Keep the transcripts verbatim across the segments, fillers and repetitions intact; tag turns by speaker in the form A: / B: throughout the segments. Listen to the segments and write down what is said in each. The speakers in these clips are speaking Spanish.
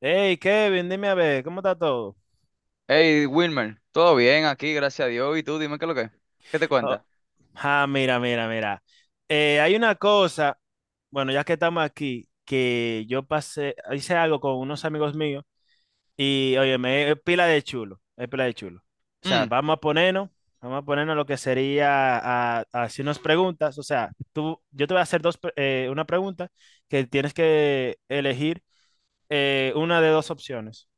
A: Hey, Kevin, dime a ver, ¿cómo está todo?
B: Hey, Wilmer, todo bien aquí, gracias a Dios. ¿Y tú, dime qué es lo que es? ¿Qué te
A: Oh,
B: cuentas?
A: ah, mira, mira, mira. Eh, hay una cosa, bueno, ya que estamos aquí, que yo pasé, hice algo con unos amigos míos y, oye, me es pila de chulo, es pila de chulo. O sea,
B: Mm.
A: vamos a ponernos, vamos a ponernos lo que sería a, a hacernos preguntas. O sea, tú, yo te voy a hacer dos, pre- eh, una pregunta que tienes que elegir eh, una de dos opciones.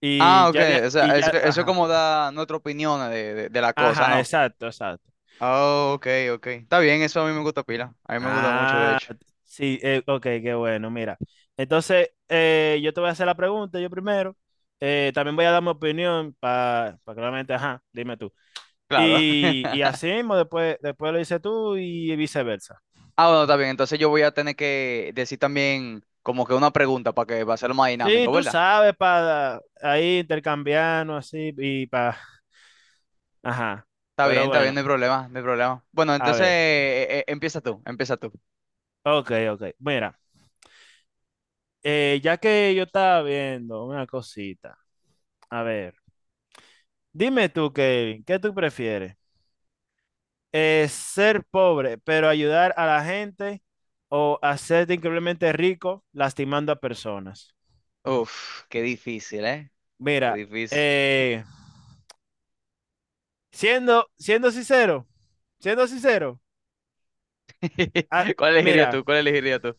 A: Y
B: Ah, ok,
A: ya, de-
B: o
A: y
B: sea, eso,
A: ya,
B: eso es
A: ajá,
B: como da nuestra opinión de, de, de la cosa,
A: ajá,
B: ¿no?
A: exacto, exacto.
B: Ah, ok, ok. Está bien, eso a mí me gusta pila. A mí me gusta mucho, de
A: Ah,
B: hecho.
A: sí, eh, ok, qué bueno, mira. Entonces, eh, yo te voy a hacer la pregunta, yo primero. Eh, también voy a dar mi opinión para pa, pa ajá, dime tú.
B: Claro.
A: Y, y así mismo, después, después lo dices tú y viceversa.
B: Ah, bueno, está bien. Entonces yo voy a tener que decir también como que una pregunta para que va a ser más
A: Sí,
B: dinámico,
A: tú
B: ¿verdad?
A: sabes, para ahí intercambiarnos así y para, ajá.
B: Está bien,
A: Pero
B: está bien,
A: bueno,
B: no hay problema, no hay problema. Bueno,
A: a
B: entonces
A: ver.
B: eh, eh, empieza tú, empieza tú.
A: Ok, ok. Mira, eh, ya que yo estaba viendo una cosita, a ver, dime tú, Kevin, ¿qué tú prefieres? Eh, ser pobre, pero ayudar a la gente, o hacerte increíblemente rico lastimando a personas.
B: Uf, qué difícil, ¿eh? Qué
A: Mira,
B: difícil.
A: eh, siendo, siendo sincero, siendo sincero, ah,
B: ¿Cuál elegirías
A: mira,
B: tú? ¿Cuál elegirías tú?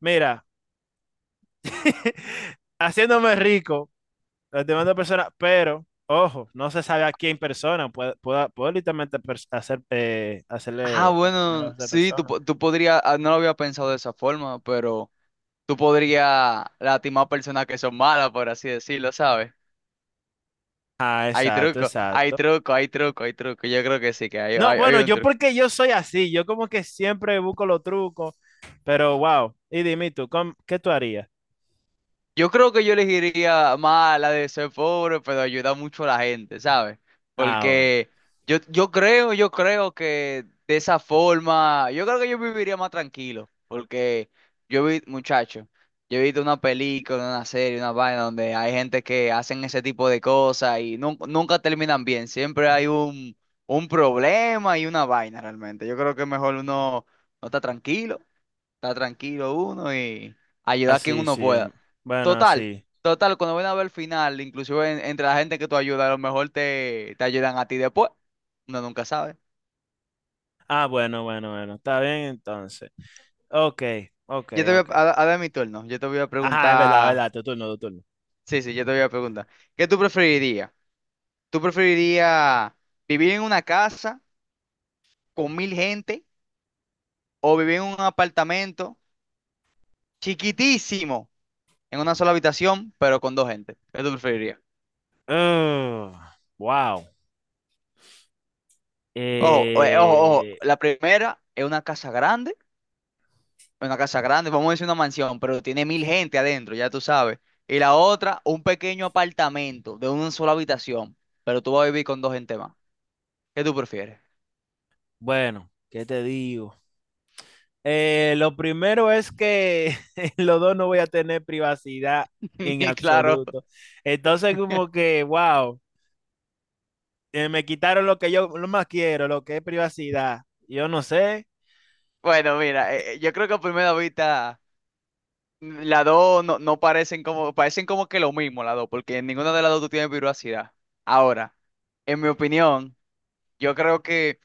A: mira, haciéndome rico lastimando a personas, pero ojo, no se sabe a quién persona, puede, puede, puede literalmente pers- hacer, eh,
B: Ah,
A: hacerle lastimar a
B: bueno,
A: esa
B: sí, tú,
A: persona.
B: po- tú podrías, ah, no lo había pensado de esa forma, pero tú podrías lastimar a personas que son malas, por así decirlo, ¿sabes?
A: Ah,
B: Hay
A: exacto,
B: truco, hay
A: exacto.
B: truco, hay truco, hay truco. Yo creo que sí, que hay,
A: No,
B: hay, hay
A: bueno,
B: un
A: yo
B: truco.
A: porque yo soy así, yo como que siempre busco los trucos, pero wow. Y dime tú, ¿cómo- ¿qué tú harías?
B: Yo creo que yo elegiría más la de ser pobre, pero ayuda mucho a la gente, ¿sabes?
A: Ah, bueno,
B: Porque yo, yo creo, yo creo que de esa forma, yo creo que yo viviría más tranquilo, porque yo vi, muchacho, yo he visto una película, una serie, una vaina donde hay gente que hacen ese tipo de cosas y nun- nunca terminan bien, siempre hay un, un problema y una vaina realmente. Yo creo que mejor uno no está tranquilo. Está tranquilo uno y ayudar a quien
A: así, sí,
B: uno
A: sí,
B: pueda.
A: em, bueno,
B: Total,
A: así.
B: total, cuando ven a ver el final, inclusive en- entre la gente que tú ayudas, a lo mejor te, te ayudan a ti después. Uno nunca sabe.
A: Ah, bueno, bueno, bueno, está bien entonces. Ok, ok,
B: Yo te voy
A: ok.
B: a, a- a ver mi turno. Yo te voy a
A: Ajá, es verdad, es
B: preguntar.
A: verdad, tu turno, tu turno.
B: Sí, sí, yo te voy a preguntar. ¿Qué tú preferirías? ¿Tú preferirías vivir en una casa con mil gente o vivir en un apartamento chiquitísimo, en una sola habitación, pero con dos gente? ¿Qué tú preferirías?
A: Ugh, wow.
B: Ojo, o- ojo, ojo.
A: Eh,
B: La primera es una casa grande una casa grande, vamos a decir una mansión, pero tiene mil gente adentro, ya tú sabes. Y la otra, un pequeño apartamento de una sola habitación, pero tú vas a vivir con dos gente más. ¿Qué tú prefieres?
A: bueno, ¿qué te digo? Eh, lo primero es que los dos no voy a tener privacidad en
B: Y claro,
A: absoluto. Entonces, como que, wow. Eh, me quitaron lo que yo lo más quiero, lo que es privacidad. Yo no sé.
B: bueno, mira, eh, eh, yo creo que a primera vista las dos no, no parecen como, parecen como, que lo mismo las dos, porque en ninguna de las dos tú tienes privacidad. Ahora, en mi opinión, yo creo que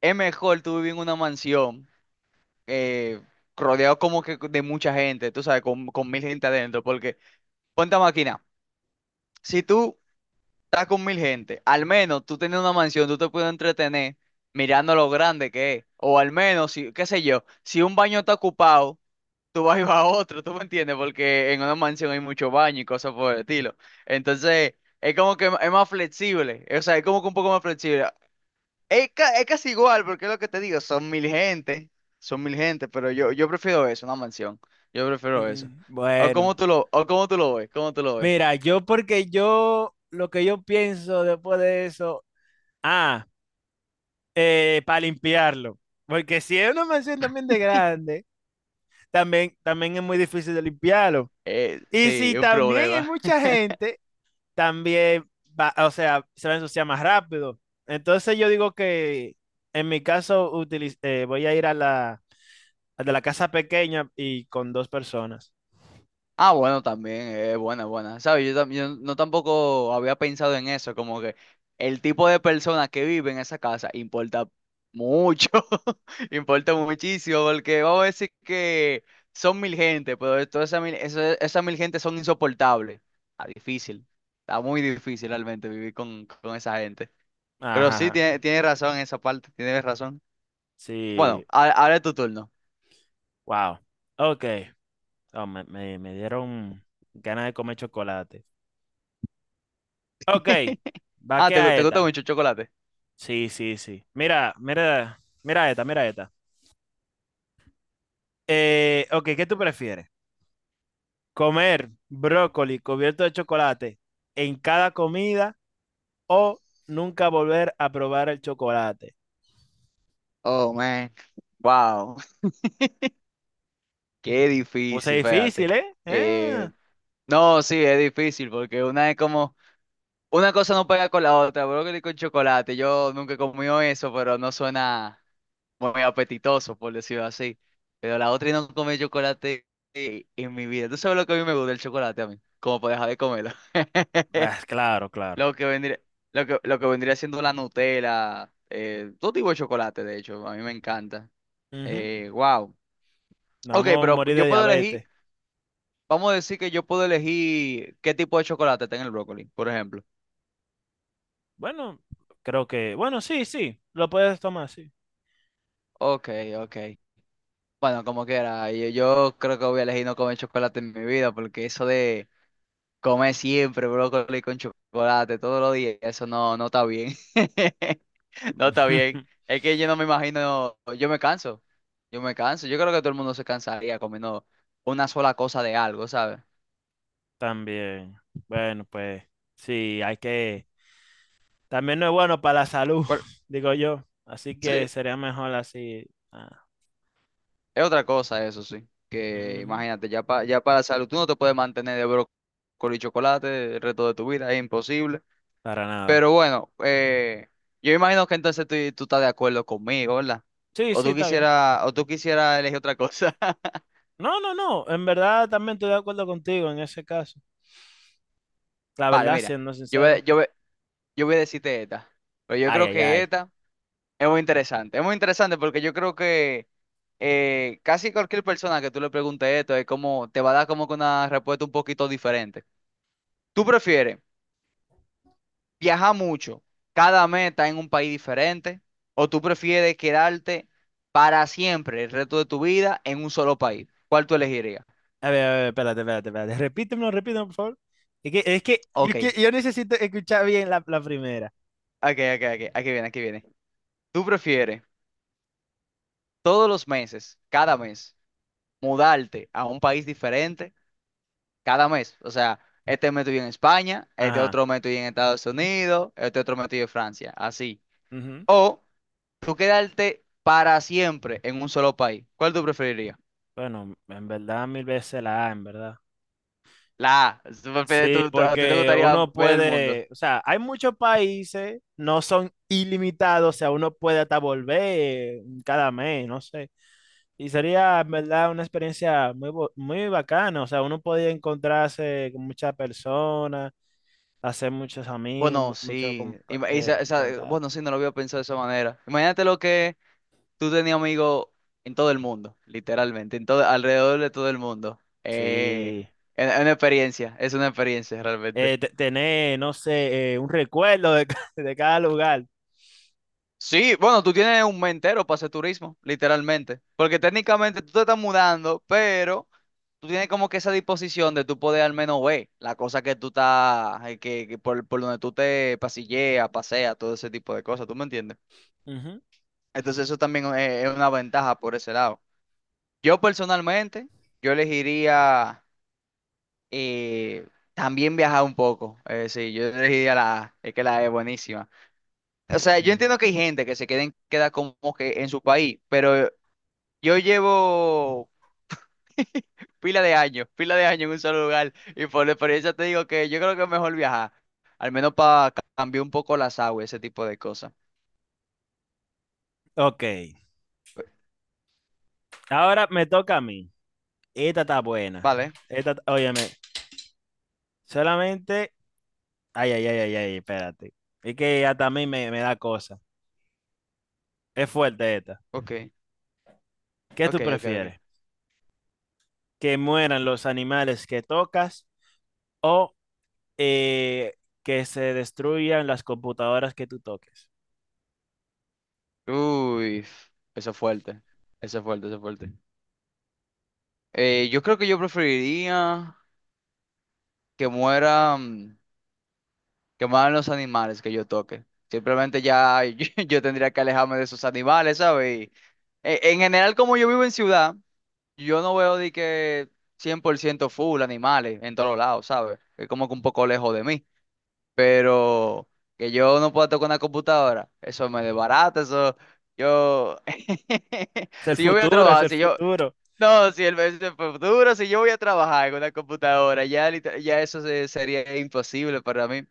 B: es mejor tú vivir en una mansión, eh, rodeado como que de mucha gente, tú sabes, con, con mil gente adentro, porque ponte a máquina. Si tú estás con mil gente, al menos tú tienes una mansión, tú te puedes entretener mirando lo grande que es. O al menos, si, qué sé yo, si un baño está ocupado, tú vas y vas a otro, ¿tú me entiendes? Porque en una mansión hay mucho baño y cosas por el estilo. Entonces, es como que es más flexible. O sea, es como que un poco más flexible. Es, ca- es casi igual, porque es lo que te digo, son mil gente, son mil gente, pero yo, yo prefiero eso, una mansión. Yo prefiero eso.
A: Mm,
B: ¿O cómo
A: bueno,
B: tú lo, o cómo tú lo ves? ¿Cómo tú lo ves?
A: mira, yo porque yo lo que yo pienso después de eso, ah, eh, para limpiarlo, porque si es una mansión también de grande, también también es muy difícil de limpiarlo.
B: Eh,
A: Y
B: sí,
A: si
B: es un
A: también hay
B: problema.
A: mucha gente, también va, o sea, se va a ensuciar más rápido. Entonces yo digo que en mi caso utiliz- eh, voy a ir a la el de la casa pequeña y con dos personas.
B: Ah, bueno, también, es buena, buena. ¿Sabes? Yo, tam- yo no tampoco había pensado en eso, como que el tipo de persona que vive en esa casa importa mucho, importa muchísimo, porque vamos a decir que son mil gente, pero de todas esas mil, esa- esas mil gente son insoportables. Está difícil, está muy difícil realmente vivir con, con esa gente. Pero
A: Ajá,
B: sí,
A: ajá.
B: tiene- tienes razón en esa parte, tienes razón.
A: Sí,
B: Bueno, a- ahora es tu turno.
A: wow. Ok. Oh, me, me- me dieron ganas de comer chocolate. Ok, va
B: Ah,
A: que
B: ¿te, gu-
A: a
B: te gusta
A: esta.
B: mucho el chocolate?
A: Sí, sí, sí. Mira, mira, mira esta, mira esta. Eh, ok, ¿qué tú prefieres? ¿Comer brócoli cubierto de chocolate en cada comida o nunca volver a probar el chocolate?
B: Oh, man. Wow. Qué
A: Puse
B: difícil, fíjate.
A: difícil, ¿eh? Ah,
B: Eh, no, sí, es difícil porque una es como, una cosa no pega con la otra, brócoli con chocolate. Yo nunca he comido eso, pero no suena muy apetitoso, por decirlo así. Pero la otra y no comer chocolate, eh, en mi vida. ¿Tú sabes lo que a mí me gusta el chocolate a mí? Como para dejar de comerlo.
A: pues, claro, claro.
B: Lo que vendría, lo que, lo que vendría siendo la Nutella, eh, todo tipo de chocolate, de hecho, a mí me encanta.
A: Ujú.
B: Eh, wow.
A: Nos
B: Ok,
A: vamos a
B: pero
A: morir de
B: yo puedo elegir.
A: diabetes.
B: Vamos a decir que yo puedo elegir qué tipo de chocolate está en el brócoli, por ejemplo.
A: Bueno, creo que, bueno, sí, sí, lo puedes tomar, sí.
B: Ok, ok. Bueno, como quiera, yo, yo creo que voy a elegir no comer chocolate en mi vida, porque eso de comer siempre brócoli con chocolate todos los días, eso no, no está bien. No está bien. Es que yo no me imagino, yo me canso, yo me canso. Yo creo que todo el mundo se cansaría comiendo una sola cosa de algo, ¿sabes?
A: También. Bueno, pues sí, hay que, también no es bueno para la salud,
B: ¿Cuál,
A: digo yo. Así que
B: Sí.
A: sería mejor así. Ah,
B: Es otra cosa eso, sí. Que
A: ujú,
B: imagínate, ya, pa- ya para salud, tú no te puedes mantener de brócoli y chocolate el resto de tu vida, es imposible.
A: para nada.
B: Pero bueno, eh, yo imagino que entonces tú, tú estás de acuerdo conmigo, ¿verdad?
A: Sí,
B: O
A: sí,
B: tú
A: está bien.
B: quisieras, o tú quisieras elegir otra cosa.
A: No, no, no. En verdad también estoy de acuerdo contigo en ese caso. La
B: Vale,
A: verdad,
B: mira,
A: siendo
B: yo
A: sincero.
B: voy, yo voy- yo voy a decirte esta. Pero yo
A: Ay,
B: creo
A: ay,
B: que
A: ay.
B: esta es muy interesante. Es muy interesante porque yo creo que, eh, casi cualquier persona que tú le preguntes esto es como, te va a dar como que una respuesta un poquito diferente. ¿Tú prefieres viajar mucho, cada mes está en un país diferente, o tú prefieres quedarte para siempre el resto de tu vida en un solo país? ¿Cuál tú elegirías?
A: A ver, a ver, espérate, espérate, espérate. Repítemelo, repítemelo, por favor. Es que, es que, yo,
B: Ok,
A: que- yo necesito escuchar bien la, la primera.
B: ok, ok, ok, aquí viene, aquí viene. ¿Tú prefieres todos los meses, cada mes, mudarte a un país diferente? Cada mes, o sea, este mes estoy en España, este
A: Ajá.
B: otro mes estoy en Estados Unidos, este otro mes estoy en Francia, así.
A: Ujú.
B: ¿O tú quedarte para siempre en un solo país? ¿Cuál tú preferirías?
A: Bueno, en verdad mil veces la A, en verdad.
B: La A. Superpe-
A: Sí,
B: tú- tú- ¿A ti te
A: porque
B: gustaría
A: uno
B: ver el mundo?
A: puede, o sea, hay muchos países, no son ilimitados, o sea, uno puede hasta volver cada mes, no sé. Y sería, en verdad, una experiencia muy, bo- muy bacana, o sea, uno podía encontrarse con muchas personas, hacer muchos amigos,
B: Bueno,
A: mu- mucho,
B: sí.
A: compa-
B: Ima-
A: eh,
B: esa-
A: mucho
B: esa-
A: contacto.
B: bueno, sí, no lo había pensado de esa manera. Imagínate lo que tú tenías amigos en todo el mundo, literalmente, en todo, alrededor de todo el mundo. Eh,
A: Sí,
B: es es una experiencia, es una experiencia realmente.
A: eh, te- tener, no sé, eh, un recuerdo de, ca- de cada lugar.
B: Sí, bueno, tú tienes un mes entero para hacer turismo, literalmente. Porque técnicamente tú te estás mudando, pero tú tienes como que esa disposición de tú poder al menos ver la cosa que tú estás, eh, que, que por, por, donde tú te pasilleas, paseas, todo ese tipo de cosas, ¿tú me entiendes?
A: Ujú,
B: Entonces eso también, eh, es una ventaja por ese lado. Yo personalmente, yo elegiría, eh, también viajar un poco. Eh, sí, yo elegiría la A, es que la A es buenísima. O sea, yo
A: ujú.
B: entiendo que hay gente que se queden, queda como que en su país, pero yo llevo pila de años, pila de años en un solo lugar y por la experiencia te digo que yo creo que es mejor viajar, al menos para cambiar un poco las aguas, ese tipo de cosas.
A: Ok. Ahora me toca a mí. Esta está buena.
B: Vale,
A: Esta, t- óyeme, solamente. Ay, ay, ay, ay, ay, espérate. Es que hasta a mí me, me da cosa. Es fuerte esta.
B: ok,
A: ¿Qué
B: ok,
A: tú
B: ok, ok.
A: prefieres? ¿Que mueran los animales que tocas o eh, que se destruyan las computadoras que tú toques?
B: Uy, eso es fuerte, eso es fuerte, eso es fuerte. Eh, yo creo que yo preferiría que mueran, que mueran los animales que yo toque. Simplemente ya yo, yo tendría que alejarme de esos animales, ¿sabes? Y, eh, en general, como yo vivo en ciudad, yo no veo de que cien por ciento full animales en todos lados, ¿sabes? Es como que un poco lejos de mí. Pero que yo no pueda tocar una computadora, eso me desbarata, eso. Yo.
A: Es el
B: Si yo voy a
A: futuro, es
B: trabajar,
A: el
B: si yo.
A: futuro.
B: No, si el mes de futuro, si yo voy a trabajar con una computadora, ya, liter- ya eso se- sería imposible para mí.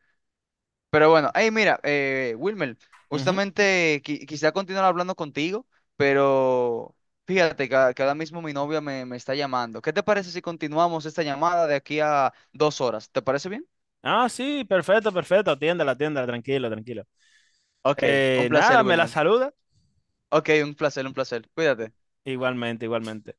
B: Pero bueno, hey, mira, eh, Wilmer,
A: Ujú.
B: justamente qui- quisiera continuar hablando contigo, pero fíjate que, a- que ahora mismo mi novia me, me está llamando. ¿Qué te parece si continuamos esta llamada de aquí a dos horas? ¿Te parece bien?
A: Ah, sí, perfecto, perfecto. Atiéndela, atiéndela, tranquilo, tranquilo.
B: Ok, un
A: Eh,
B: placer,
A: nada, me la
B: Wilmer.
A: saluda.
B: Ok, un placer, un placer. Cuídate.
A: Igualmente, igualmente.